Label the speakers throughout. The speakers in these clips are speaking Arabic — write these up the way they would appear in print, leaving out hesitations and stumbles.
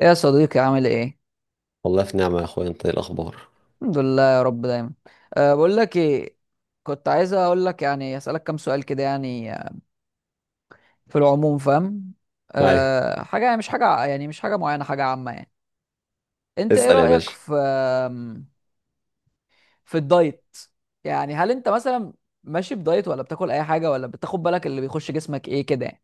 Speaker 1: ايه يا صديقي، عامل ايه؟
Speaker 2: والله في نعمة يا اخويا. انت إيه الاخبار؟
Speaker 1: الحمد لله يا رب دايما. بقول لك ايه، كنت عايز اقول لك، يعني اسالك كام سؤال كده، يعني في العموم، فاهم؟
Speaker 2: ايوه،
Speaker 1: حاجه يعني، مش حاجه معينه، حاجه عامه يعني. انت ايه
Speaker 2: اسأل يا
Speaker 1: رايك
Speaker 2: باشا.
Speaker 1: في في الدايت؟ يعني هل انت مثلا ماشي بدايت، ولا بتاكل اي حاجه، ولا بتاخد بالك اللي بيخش جسمك ايه كده يعني؟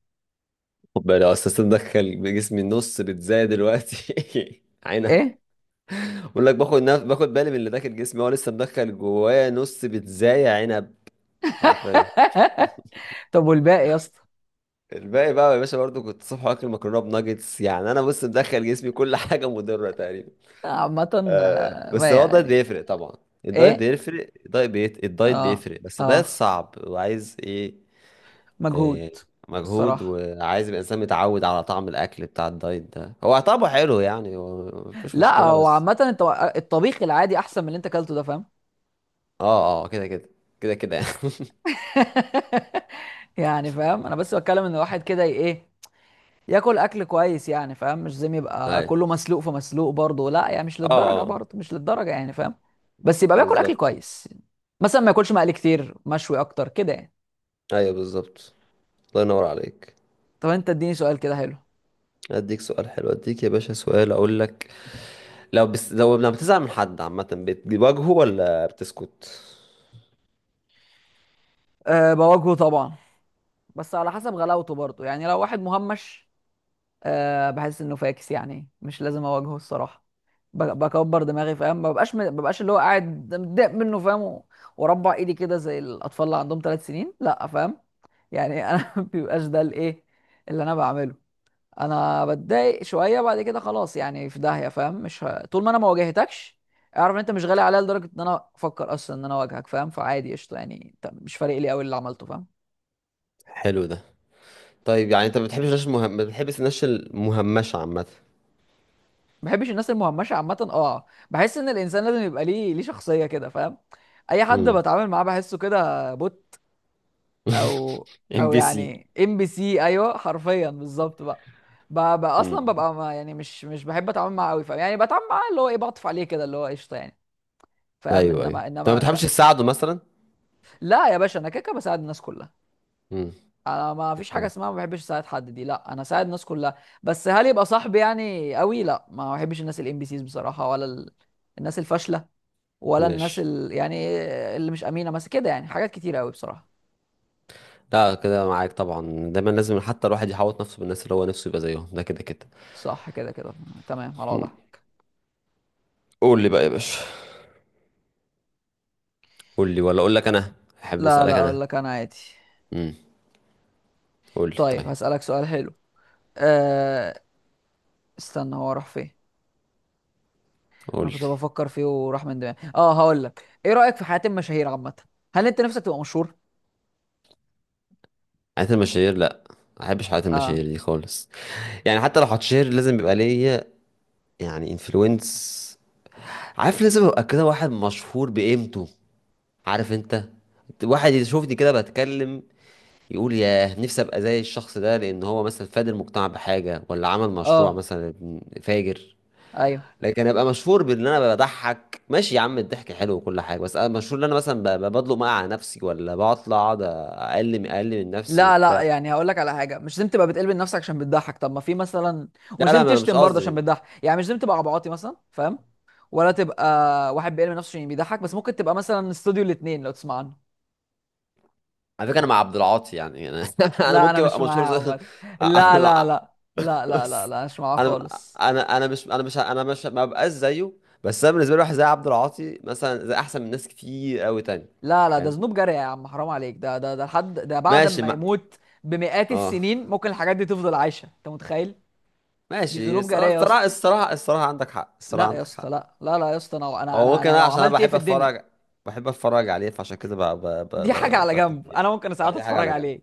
Speaker 2: خد بالك، لو اساسا دخل جسمي النص بتزايد دلوقتي. عينب.
Speaker 1: ايه.
Speaker 2: بقول لك باخد باخد بالي من اللي داخل جسمي، هو لسه مدخل جوايا نص بتزايد عنب، حرفيا.
Speaker 1: طب والباقي يا اسطى؟
Speaker 2: الباقي بقى يا باشا برضو، كنت صبح واكل مكرونه بناجتس، يعني انا بص مدخل جسمي كل حاجه مضره تقريبا.
Speaker 1: عامه.
Speaker 2: آه بس
Speaker 1: ما
Speaker 2: هو الدايت
Speaker 1: يعني.
Speaker 2: بيفرق طبعا. الدايت
Speaker 1: ايه.
Speaker 2: بيفرق، الدايت
Speaker 1: اه.
Speaker 2: بيفرق، بس
Speaker 1: اه.
Speaker 2: ده صعب وعايز ايه؟
Speaker 1: مجهود.
Speaker 2: إيه، مجهود.
Speaker 1: الصراحه.
Speaker 2: وعايز يبقى الانسان متعود على طعم الاكل بتاع الدايت، ده هو طعمه حلو يعني، هو مفيش
Speaker 1: لا
Speaker 2: مشكله
Speaker 1: هو
Speaker 2: بس.
Speaker 1: عامة انت، الطبيخ العادي احسن من اللي انت اكلته ده، فاهم؟
Speaker 2: اه اه، كده كده. كده كده يعني
Speaker 1: يعني فاهم، انا بس بتكلم ان الواحد كده ايه، ياكل اكل كويس، يعني فاهم؟ مش زي ما يبقى
Speaker 2: ايوه،
Speaker 1: كله مسلوق في مسلوق برضه، لا يعني مش
Speaker 2: اه
Speaker 1: للدرجة
Speaker 2: اه،
Speaker 1: برضه، مش للدرجة يعني، فاهم؟ بس يبقى بياكل اكل
Speaker 2: بالظبط.
Speaker 1: كويس. مثلا ما ياكلش مقلي كتير، مشوي اكتر كده يعني.
Speaker 2: ايوه بالظبط، الله ينور عليك.
Speaker 1: طب انت اديني سؤال كده حلو.
Speaker 2: اديك سؤال حلو، اديك يا باشا سؤال، اقول لك. لو بس لو لما بتزعل من حد عامه، بتواجهه ولا بتسكت؟
Speaker 1: بواجهه طبعا، بس على حسب غلاوته برضه، يعني لو واحد مهمش، بحس انه فاكس، يعني مش لازم اواجهه الصراحة. بكبر دماغي، فاهم؟ ما ببقاش اللي هو قاعد متضايق منه، فاهم؟ واربع ايدي كده زي الاطفال اللي عندهم ثلاث سنين، لا فاهم؟ يعني انا ما بيبقاش ده الايه، اللي انا بعمله انا بتضايق شويه، بعد كده خلاص، يعني في داهيه، فاهم؟ مش طول ما انا ما واجهتكش، اعرف ان انت مش غالي عليا لدرجه ان انا افكر اصلا ان انا اواجهك، فاهم؟ فعادي قشطه يعني، انت مش فارق لي قوي اللي عملته، فاهم؟
Speaker 2: حلو ده. طيب يعني انت ما بتحبش الناس المهم، ما بتحبش الناس المهمشه عامه؟
Speaker 1: ما بحبش الناس المهمشه عامه، اه بحس ان الانسان لازم يبقى ليه شخصيه كده، فاهم؟ اي حد
Speaker 2: امم.
Speaker 1: بتعامل معاه بحسه كده بوت. او.
Speaker 2: ام
Speaker 1: او
Speaker 2: بي سي.
Speaker 1: يعني ام بي سي، ايوه حرفيا بالظبط بقى. بقى اصلا
Speaker 2: امم.
Speaker 1: ببقى ما يعني مش مش بحب اتعامل معاه قوي، فاهم؟ يعني بتعامل معاه اللي هو ايه، بعطف عليه كده اللي هو قشطه يعني، فاهم؟
Speaker 2: ايوه ايوه،
Speaker 1: انما
Speaker 2: انت ما
Speaker 1: انما
Speaker 2: بتحبش
Speaker 1: ب-
Speaker 2: تساعده مثلا؟
Speaker 1: لا يا باشا، انا كده كده بساعد الناس كلها.
Speaker 2: امم.
Speaker 1: انا ما فيش حاجه
Speaker 2: اوكي.
Speaker 1: اسمها ما بحبش اساعد حد دي، لا انا اساعد الناس كلها. بس هل يبقى صاحبي يعني قوي؟ لا، ما بحبش الناس الام بي سيز بصراحه، ولا الناس الفاشله، ولا الناس
Speaker 2: ماشي.
Speaker 1: يعني اللي مش امينه، بس كده يعني، حاجات كتير قوي بصراحه.
Speaker 2: لا كده معاك طبعا. دايما لازم حتى الواحد يحوط نفسه بالناس اللي هو نفسه يبقى زيهم، ده كده كده.
Speaker 1: صح كده كده. تمام على
Speaker 2: مم.
Speaker 1: وضعها.
Speaker 2: قول لي بقى يا باشا. قول لي ولا اقول لك انا؟ احب
Speaker 1: لا
Speaker 2: اسالك
Speaker 1: لا،
Speaker 2: انا.
Speaker 1: اقول لك انا عادي.
Speaker 2: امم. قول لي
Speaker 1: طيب
Speaker 2: طيب.
Speaker 1: هسألك سؤال حلو. أه... استنى، هو راح فين؟
Speaker 2: قول
Speaker 1: انا
Speaker 2: لي.
Speaker 1: كنت بفكر فيه وراح من دماغي. اه هقول لك، ايه رأيك في حياة المشاهير عامة؟ هل انت نفسك تبقى مشهور؟
Speaker 2: حياة المشاهير، لا. ما احبش حياة
Speaker 1: اه.
Speaker 2: المشاهير دي خالص. يعني حتى لو هتشير، لازم يبقى ليا يعني انفلونس، عارف؟ لازم ابقى كده واحد مشهور بقيمته، عارف انت؟ واحد يشوفني كده بتكلم، يقول ياه نفسي ابقى زي الشخص ده، لان هو مثلا فاد المجتمع بحاجه ولا عمل مشروع
Speaker 1: اه.
Speaker 2: مثلا فاجر.
Speaker 1: ايوه.
Speaker 2: لكن ابقى مشهور بان انا بضحك، ماشي يا عم الضحك حلو وكل حاجه، بس انا مشهور ان انا مثلا بضلق مقع على نفسي، ولا بطلع اقعد اقلم اقلم من نفسي
Speaker 1: لا لا،
Speaker 2: وبتاع.
Speaker 1: يعني هقول لك على حاجه، مش لازم تبقى بتقلب نفسك عشان بتضحك. طب ما في مثلا،
Speaker 2: لا
Speaker 1: ومش
Speaker 2: لا،
Speaker 1: لازم
Speaker 2: ما انا مش
Speaker 1: تشتم برضه عشان
Speaker 2: قصدي.
Speaker 1: بتضحك، يعني مش لازم تبقى عبعاطي مثلا، فاهم؟ ولا تبقى واحد بيقلب نفسه عشان بيضحك. بس ممكن تبقى مثلا استوديو الاثنين لو تسمع عنه.
Speaker 2: على فكره انا مع عبد العاطي يعني، انا انا
Speaker 1: لا انا
Speaker 2: ممكن
Speaker 1: مش
Speaker 2: ابقى مشهور
Speaker 1: معاها
Speaker 2: زي
Speaker 1: عامه. لا
Speaker 2: أنا
Speaker 1: لا
Speaker 2: مع-
Speaker 1: لا لا لا لا
Speaker 2: بس
Speaker 1: لا، مش معاها
Speaker 2: انا،
Speaker 1: خالص.
Speaker 2: انا مش ما ببقاش زيه، بس انا بالنسبه لي واحد زي عبد العاطي مثلا زي احسن من ناس كتير قوي تاني.
Speaker 1: لا لا، ده
Speaker 2: فاهم.
Speaker 1: ذنوب جارية يا عم، حرام عليك. ده ده ده لحد ده بعد
Speaker 2: ماشي
Speaker 1: ما
Speaker 2: ما
Speaker 1: يموت، بمئات
Speaker 2: اه
Speaker 1: السنين ممكن الحاجات دي تفضل عايشة، انت متخيل؟ دي
Speaker 2: ماشي.
Speaker 1: ذنوب جارية يا اسطى.
Speaker 2: الصراحة عندك حق، الصراحة
Speaker 1: لا يا
Speaker 2: عندك
Speaker 1: اسطى،
Speaker 2: حق.
Speaker 1: لا لا لا يا اسطى، انا انا
Speaker 2: هو
Speaker 1: انا،
Speaker 2: ممكن
Speaker 1: أنا
Speaker 2: انا
Speaker 1: لو
Speaker 2: عشان انا
Speaker 1: عملت ايه
Speaker 2: بحب
Speaker 1: في الدنيا.
Speaker 2: اتفرج، بحب اتفرج عليه، فعشان كده
Speaker 1: دي حاجة على
Speaker 2: ب...
Speaker 1: جنب،
Speaker 2: ب...
Speaker 1: انا ممكن
Speaker 2: اه
Speaker 1: ساعات
Speaker 2: دي حاجة
Speaker 1: اتفرج
Speaker 2: على جنب،
Speaker 1: عليه.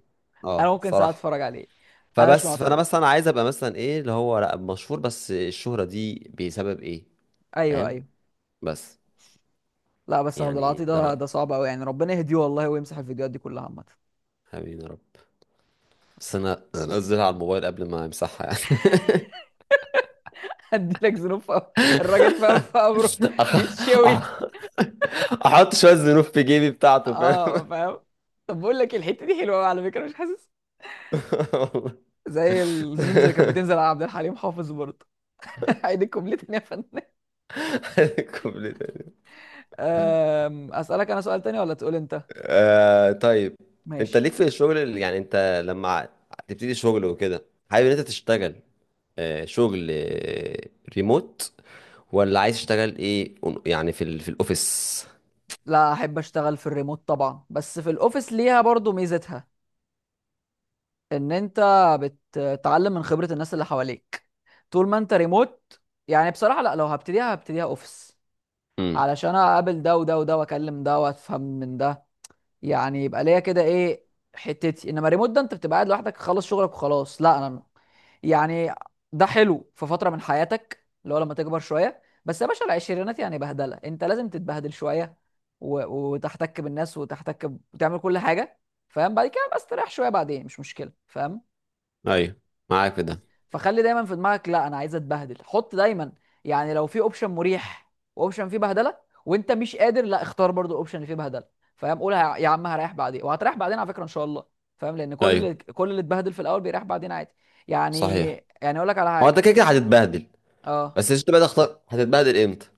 Speaker 1: انا
Speaker 2: اه
Speaker 1: ممكن ساعات
Speaker 2: صراحة.
Speaker 1: اتفرج عليه. انا مش
Speaker 2: فبس فانا
Speaker 1: معترض.
Speaker 2: مثلا عايز ابقى مثلا ايه، اللي هو لا مشهور بس الشهرة دي بسبب ايه،
Speaker 1: ايوه
Speaker 2: فاهم؟
Speaker 1: ايوه.
Speaker 2: بس
Speaker 1: لا بس عبد
Speaker 2: يعني
Speaker 1: العاطي
Speaker 2: إيه؟ ده
Speaker 1: ده،
Speaker 2: رأيي.
Speaker 1: ده صعب قوي يعني، ربنا يهديه والله ويمسح الفيديوهات دي كلها عامة.
Speaker 2: حبيبي يا رب. بس انا انا انزلها على الموبايل قبل ما امسحها يعني.
Speaker 1: هديلك ذنوب في قبره. الراجل فاهم في قبره
Speaker 2: أح-
Speaker 1: بيتشوي.
Speaker 2: أح- احط شوية زنوف في جيبي بتاعته.
Speaker 1: اه فاهم. طب بقول لك إيه، الحتة دي حلوة قوي على فكرة، مش حاسس؟
Speaker 2: فاهم
Speaker 1: زي الميمز اللي كانت بتنزل على عبد الحليم حافظ برضه. عيد الكوبليه تاني يا فنان.
Speaker 2: الكوبليه ده.
Speaker 1: اسالك انا سؤال تاني ولا تقول انت؟
Speaker 2: آه طيب. انت
Speaker 1: ماشي.
Speaker 2: ليك في الشغل يعني انت لما تبتدي شغل وكده، حابب ان انت تشتغل آه شغل آه ريموت، ولا عايز تشتغل ايه يعني في في الاوفيس؟
Speaker 1: لا احب اشتغل في الريموت طبعا، بس في الاوفيس ليها برضه ميزتها، ان انت بتتعلم من خبرة الناس اللي حواليك، طول ما انت ريموت. يعني بصراحة لا، لو هبتديها هبتديها اوفيس،
Speaker 2: امم.
Speaker 1: علشان اقابل ده وده وده، واكلم ده وافهم من ده، يعني يبقى ليا كده ايه، حتتي. انما ريموت ده انت بتبقى قاعد لوحدك، خلص شغلك وخلاص. لا انا يعني، ده حلو في فتره من حياتك اللي هو لما تكبر شويه، بس يا باشا العشرينات يعني بهدله، انت لازم تتبهدل شويه، وتحتك بالناس، وتحتك وتعمل كل حاجه، فاهم؟ بعد كده بس تريح شويه بعدين مش مشكله، فاهم؟
Speaker 2: ايوه، معاك في
Speaker 1: بس
Speaker 2: ده.
Speaker 1: فخلي دايما في دماغك، لا انا عايز اتبهدل، حط دايما. يعني لو في اوبشن مريح واوبشن فيه بهدله، وانت مش قادر، لا اختار برضو الاوبشن اللي فيه بهدله، فاهم؟ قول يا عم هريح بعدين، وهتريح بعدين على فكره ان شاء الله، فاهم؟ لان كل
Speaker 2: ايوه،
Speaker 1: اللي كل اللي اتبهدل في الاول بيريح بعدين، عادي يعني.
Speaker 2: صحيح.
Speaker 1: يعني اقول لك على
Speaker 2: هو انت
Speaker 1: حاجه.
Speaker 2: كده كده هتتبهدل،
Speaker 1: اه.
Speaker 2: بس انت بقى تختار هتتبهدل امتى.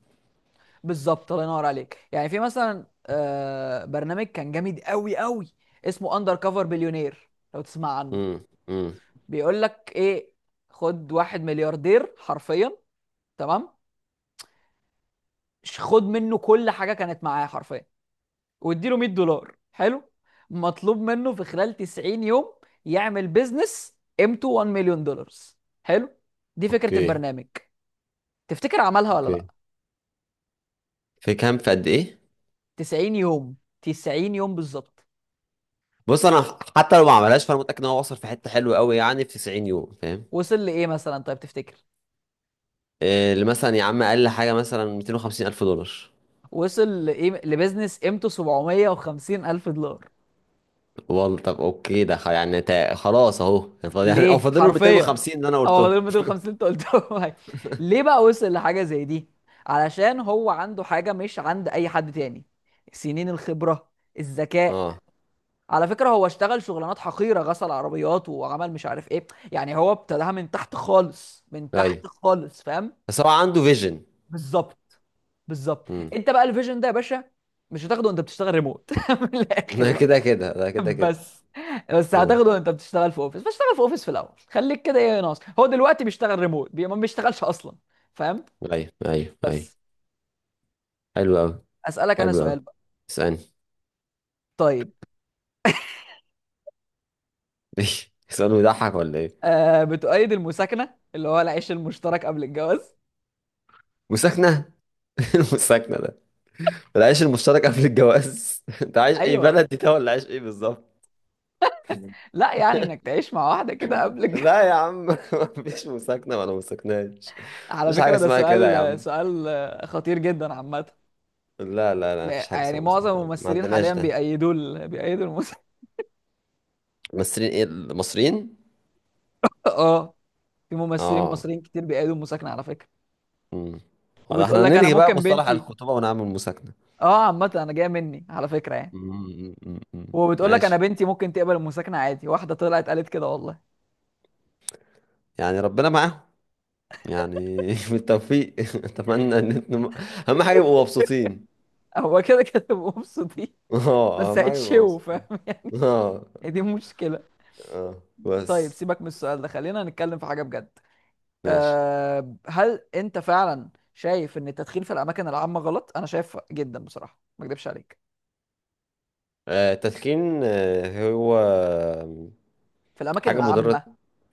Speaker 1: بالظبط الله ينور عليك. يعني في مثلا برنامج كان جامد قوي قوي، اسمه اندر كفر بليونير لو تسمع عنه.
Speaker 2: امم. امم.
Speaker 1: بيقول لك ايه، خد واحد ملياردير حرفيا، تمام، خد منه كل حاجه كانت معاه حرفيا، واديله $100، حلو، مطلوب منه في خلال 90 يوم يعمل بيزنس قيمته 1 مليون دولار، حلو؟ دي فكره
Speaker 2: اوكي.
Speaker 1: البرنامج. تفتكر عملها ولا لا؟
Speaker 2: اوكي. في كام، في قد ايه؟
Speaker 1: 90 يوم، 90 يوم بالظبط.
Speaker 2: بص انا حتى لو ما عملهاش، فانا متاكد ان هو وصل في حته حلوه قوي يعني في 90 يوم، فاهم؟
Speaker 1: وصل لايه مثلا طيب تفتكر؟
Speaker 2: آه، اللي مثلا يا عم اقل حاجه مثلا 250 الف دولار.
Speaker 1: وصل لايه لبيزنس قيمته 750 الف دولار.
Speaker 2: والله طب اوكي، ده خلاص اهو. يعني فاضل- يعني- او
Speaker 1: ليه
Speaker 2: فاضل له
Speaker 1: حرفيا؟
Speaker 2: 250 اللي انا
Speaker 1: هو
Speaker 2: قلته.
Speaker 1: فاضل 250 اللي انت قلتهم. هاي. ليه بقى وصل لحاجه زي دي؟ علشان هو عنده حاجه مش عند اي حد تاني، سنين الخبره، الذكاء.
Speaker 2: اه
Speaker 1: على فكره هو اشتغل شغلانات حقيره، غسل عربيات، وعمل مش عارف ايه، يعني هو ابتداها من تحت خالص، من تحت
Speaker 2: ايوه.
Speaker 1: خالص، فاهم؟
Speaker 2: بس هو عنده فيجن.
Speaker 1: بالظبط. بالظبط.
Speaker 2: امم.
Speaker 1: انت بقى الفيجن ده يا باشا، مش هتاخده وانت بتشتغل ريموت من
Speaker 2: ده
Speaker 1: الاخر.
Speaker 2: كده كده، ده كده كده.
Speaker 1: بس بس
Speaker 2: اه
Speaker 1: هتاخده وانت بتشتغل في اوفيس، فاشتغل في اوفيس في الاول، خليك كده ايه، ناقص هو دلوقتي بيشتغل ريموت، بي ما بيشتغلش اصلا، فاهم؟
Speaker 2: ايوه ايوه ايوه.
Speaker 1: بس
Speaker 2: حلو قوي.
Speaker 1: اسالك انا
Speaker 2: حلو قوي.
Speaker 1: سؤال بقى.
Speaker 2: اسالني.
Speaker 1: طيب.
Speaker 2: سؤال بيضحك ولا ايه؟
Speaker 1: بتؤيد المساكنه، اللي هو العيش المشترك قبل الجواز؟
Speaker 2: مساكنه؟ المساكنه ده؟ العيش المشترك قبل الجواز؟ انت عايش ايه
Speaker 1: ايوه.
Speaker 2: بلدي ده، ولا عايش ايه بالظبط؟
Speaker 1: لا يعني انك تعيش مع واحده كده قبل الجواز.
Speaker 2: لا يا عم مفيش مساكنة ولا مساكناش.
Speaker 1: على
Speaker 2: مفيش حاجة
Speaker 1: فكره ده
Speaker 2: اسمها كده يا
Speaker 1: سؤال
Speaker 2: عم.
Speaker 1: سؤال خطير جدا عامه.
Speaker 2: لا لا لا، مفيش
Speaker 1: لا،
Speaker 2: حاجة
Speaker 1: يعني
Speaker 2: اسمها
Speaker 1: معظم
Speaker 2: مساكنة، ما
Speaker 1: الممثلين
Speaker 2: عندناش
Speaker 1: حاليا
Speaker 2: ده.
Speaker 1: بيأيدوا بيأيدوا المساكنه.
Speaker 2: المصريين؟ ايه، المصريين؟
Speaker 1: اه. في ممثلين
Speaker 2: اه.
Speaker 1: مصريين كتير بيأيدوا المساكنه على فكره.
Speaker 2: امم. ولا
Speaker 1: وبتقول
Speaker 2: احنا
Speaker 1: لك انا
Speaker 2: هنلغي بقى
Speaker 1: ممكن
Speaker 2: مصطلح
Speaker 1: بنتي،
Speaker 2: الخطوبة ونعمل مساكنة؟
Speaker 1: اه عامة انا جاية مني على فكرة يعني.
Speaker 2: مم، مم، مم.
Speaker 1: وبتقول لك انا
Speaker 2: ماشي.
Speaker 1: بنتي ممكن تقبل المساكنة عادي، واحدة طلعت قالت كده والله.
Speaker 2: يعني ربنا معاهم. يعني بالتوفيق اتمنى ان انتم اهم حاجة يبقوا مبسوطين.
Speaker 1: هو كده كده بيبقوا مبسوطين،
Speaker 2: اه،
Speaker 1: بس
Speaker 2: اهم حاجة يبقوا
Speaker 1: هيتشوا،
Speaker 2: مبسوطين.
Speaker 1: فاهم؟
Speaker 2: اه.
Speaker 1: هي دي مشكلة.
Speaker 2: اه
Speaker 1: طيب
Speaker 2: بس.
Speaker 1: سيبك من السؤال ده، خلينا نتكلم في حاجة بجد.
Speaker 2: ماشي.
Speaker 1: هل انت فعلا شايف ان التدخين في الاماكن العامة غلط؟ انا شايف جدا بصراحة، ما اكدبش عليك.
Speaker 2: آه، التدخين، آه، هو
Speaker 1: في الاماكن
Speaker 2: حاجة مضرة.
Speaker 1: العامة.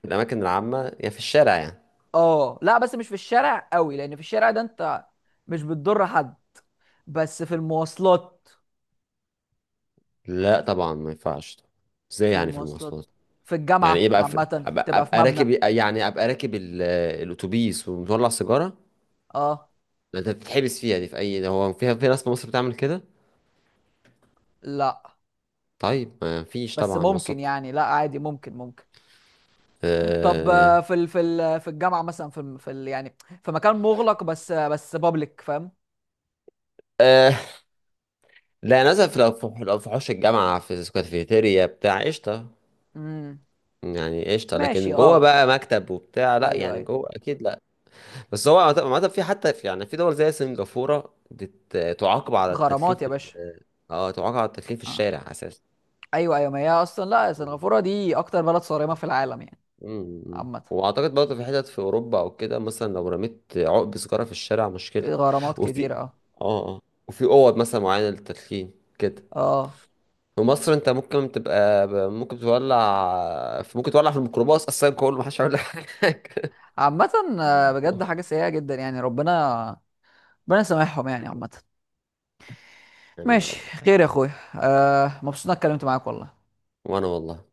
Speaker 2: في الأماكن العامة يا في الشارع يعني؟
Speaker 1: اه لا بس مش في الشارع قوي، لان في الشارع ده انت مش بتضر حد، بس في المواصلات،
Speaker 2: لا طبعا، ما ينفعش. ازاي
Speaker 1: في
Speaker 2: يعني في
Speaker 1: المواصلات،
Speaker 2: المواصلات؟
Speaker 1: في
Speaker 2: يعني ايه
Speaker 1: الجامعة
Speaker 2: بقى
Speaker 1: عامة بتبقى في
Speaker 2: أبقى
Speaker 1: مبنى.
Speaker 2: راكب، يعني أبقى راكب الأتوبيس ومطلع سيجارة؟
Speaker 1: اه
Speaker 2: ده أنت بتتحبس فيها دي. في أي، ده هو فيها في ناس في مصر بتعمل كده؟
Speaker 1: لا
Speaker 2: طيب ما فيش
Speaker 1: بس
Speaker 2: طبعا
Speaker 1: ممكن
Speaker 2: مواصلات.
Speaker 1: يعني، لا عادي ممكن ممكن. طب
Speaker 2: أه...
Speaker 1: في الجامعة مثلا، في ال في ال يعني في مكان مغلق بس بس بابليك، فاهم؟
Speaker 2: أه... لا للأسف، لو في لو في حوش الجامعة في الكافيتيريا بتاع، قشطة.
Speaker 1: امم
Speaker 2: يعني قشطة،
Speaker 1: ماشي.
Speaker 2: لكن جوه
Speaker 1: اه.
Speaker 2: بقى مكتب وبتاع، لا
Speaker 1: ايوه
Speaker 2: يعني
Speaker 1: ايوه.
Speaker 2: جوه أكيد لا. بس هو عامة، عامة في حتى في، يعني في دول زي سنغافورة بتعاقب على التدخين
Speaker 1: غرامات يا
Speaker 2: في.
Speaker 1: باشا.
Speaker 2: اه تعاقب على التدخين في
Speaker 1: اه.
Speaker 2: الشارع اساسا.
Speaker 1: ايوه ايوه، ما هي اصلا لا
Speaker 2: مم.
Speaker 1: سنغافورة دي اكتر بلد صارمة في العالم يعني.
Speaker 2: مم.
Speaker 1: عامة.
Speaker 2: واعتقد برضه في حتت في اوروبا او كده، مثلا لو رميت عقب سيجاره في الشارع مشكله.
Speaker 1: غرامات كتير،
Speaker 2: وفي،
Speaker 1: اه.
Speaker 2: اه اه، وفي اوض مثلا معينه للتدخين كده.
Speaker 1: اه.
Speaker 2: في مصر انت ممكن تبقى، ممكن تولع في، ممكن تولع في الميكروباص اصلا كله، محدش هيقول لك حاجه.
Speaker 1: عامة. بجد حاجة سيئة جدا، يعني ربنا، ربنا يسامحهم يعني عامة.
Speaker 2: امين يا
Speaker 1: ماشي.
Speaker 2: رب.
Speaker 1: خير يا اخويا، مبسوط اني اتكلمت معاك والله.
Speaker 2: وانا والله.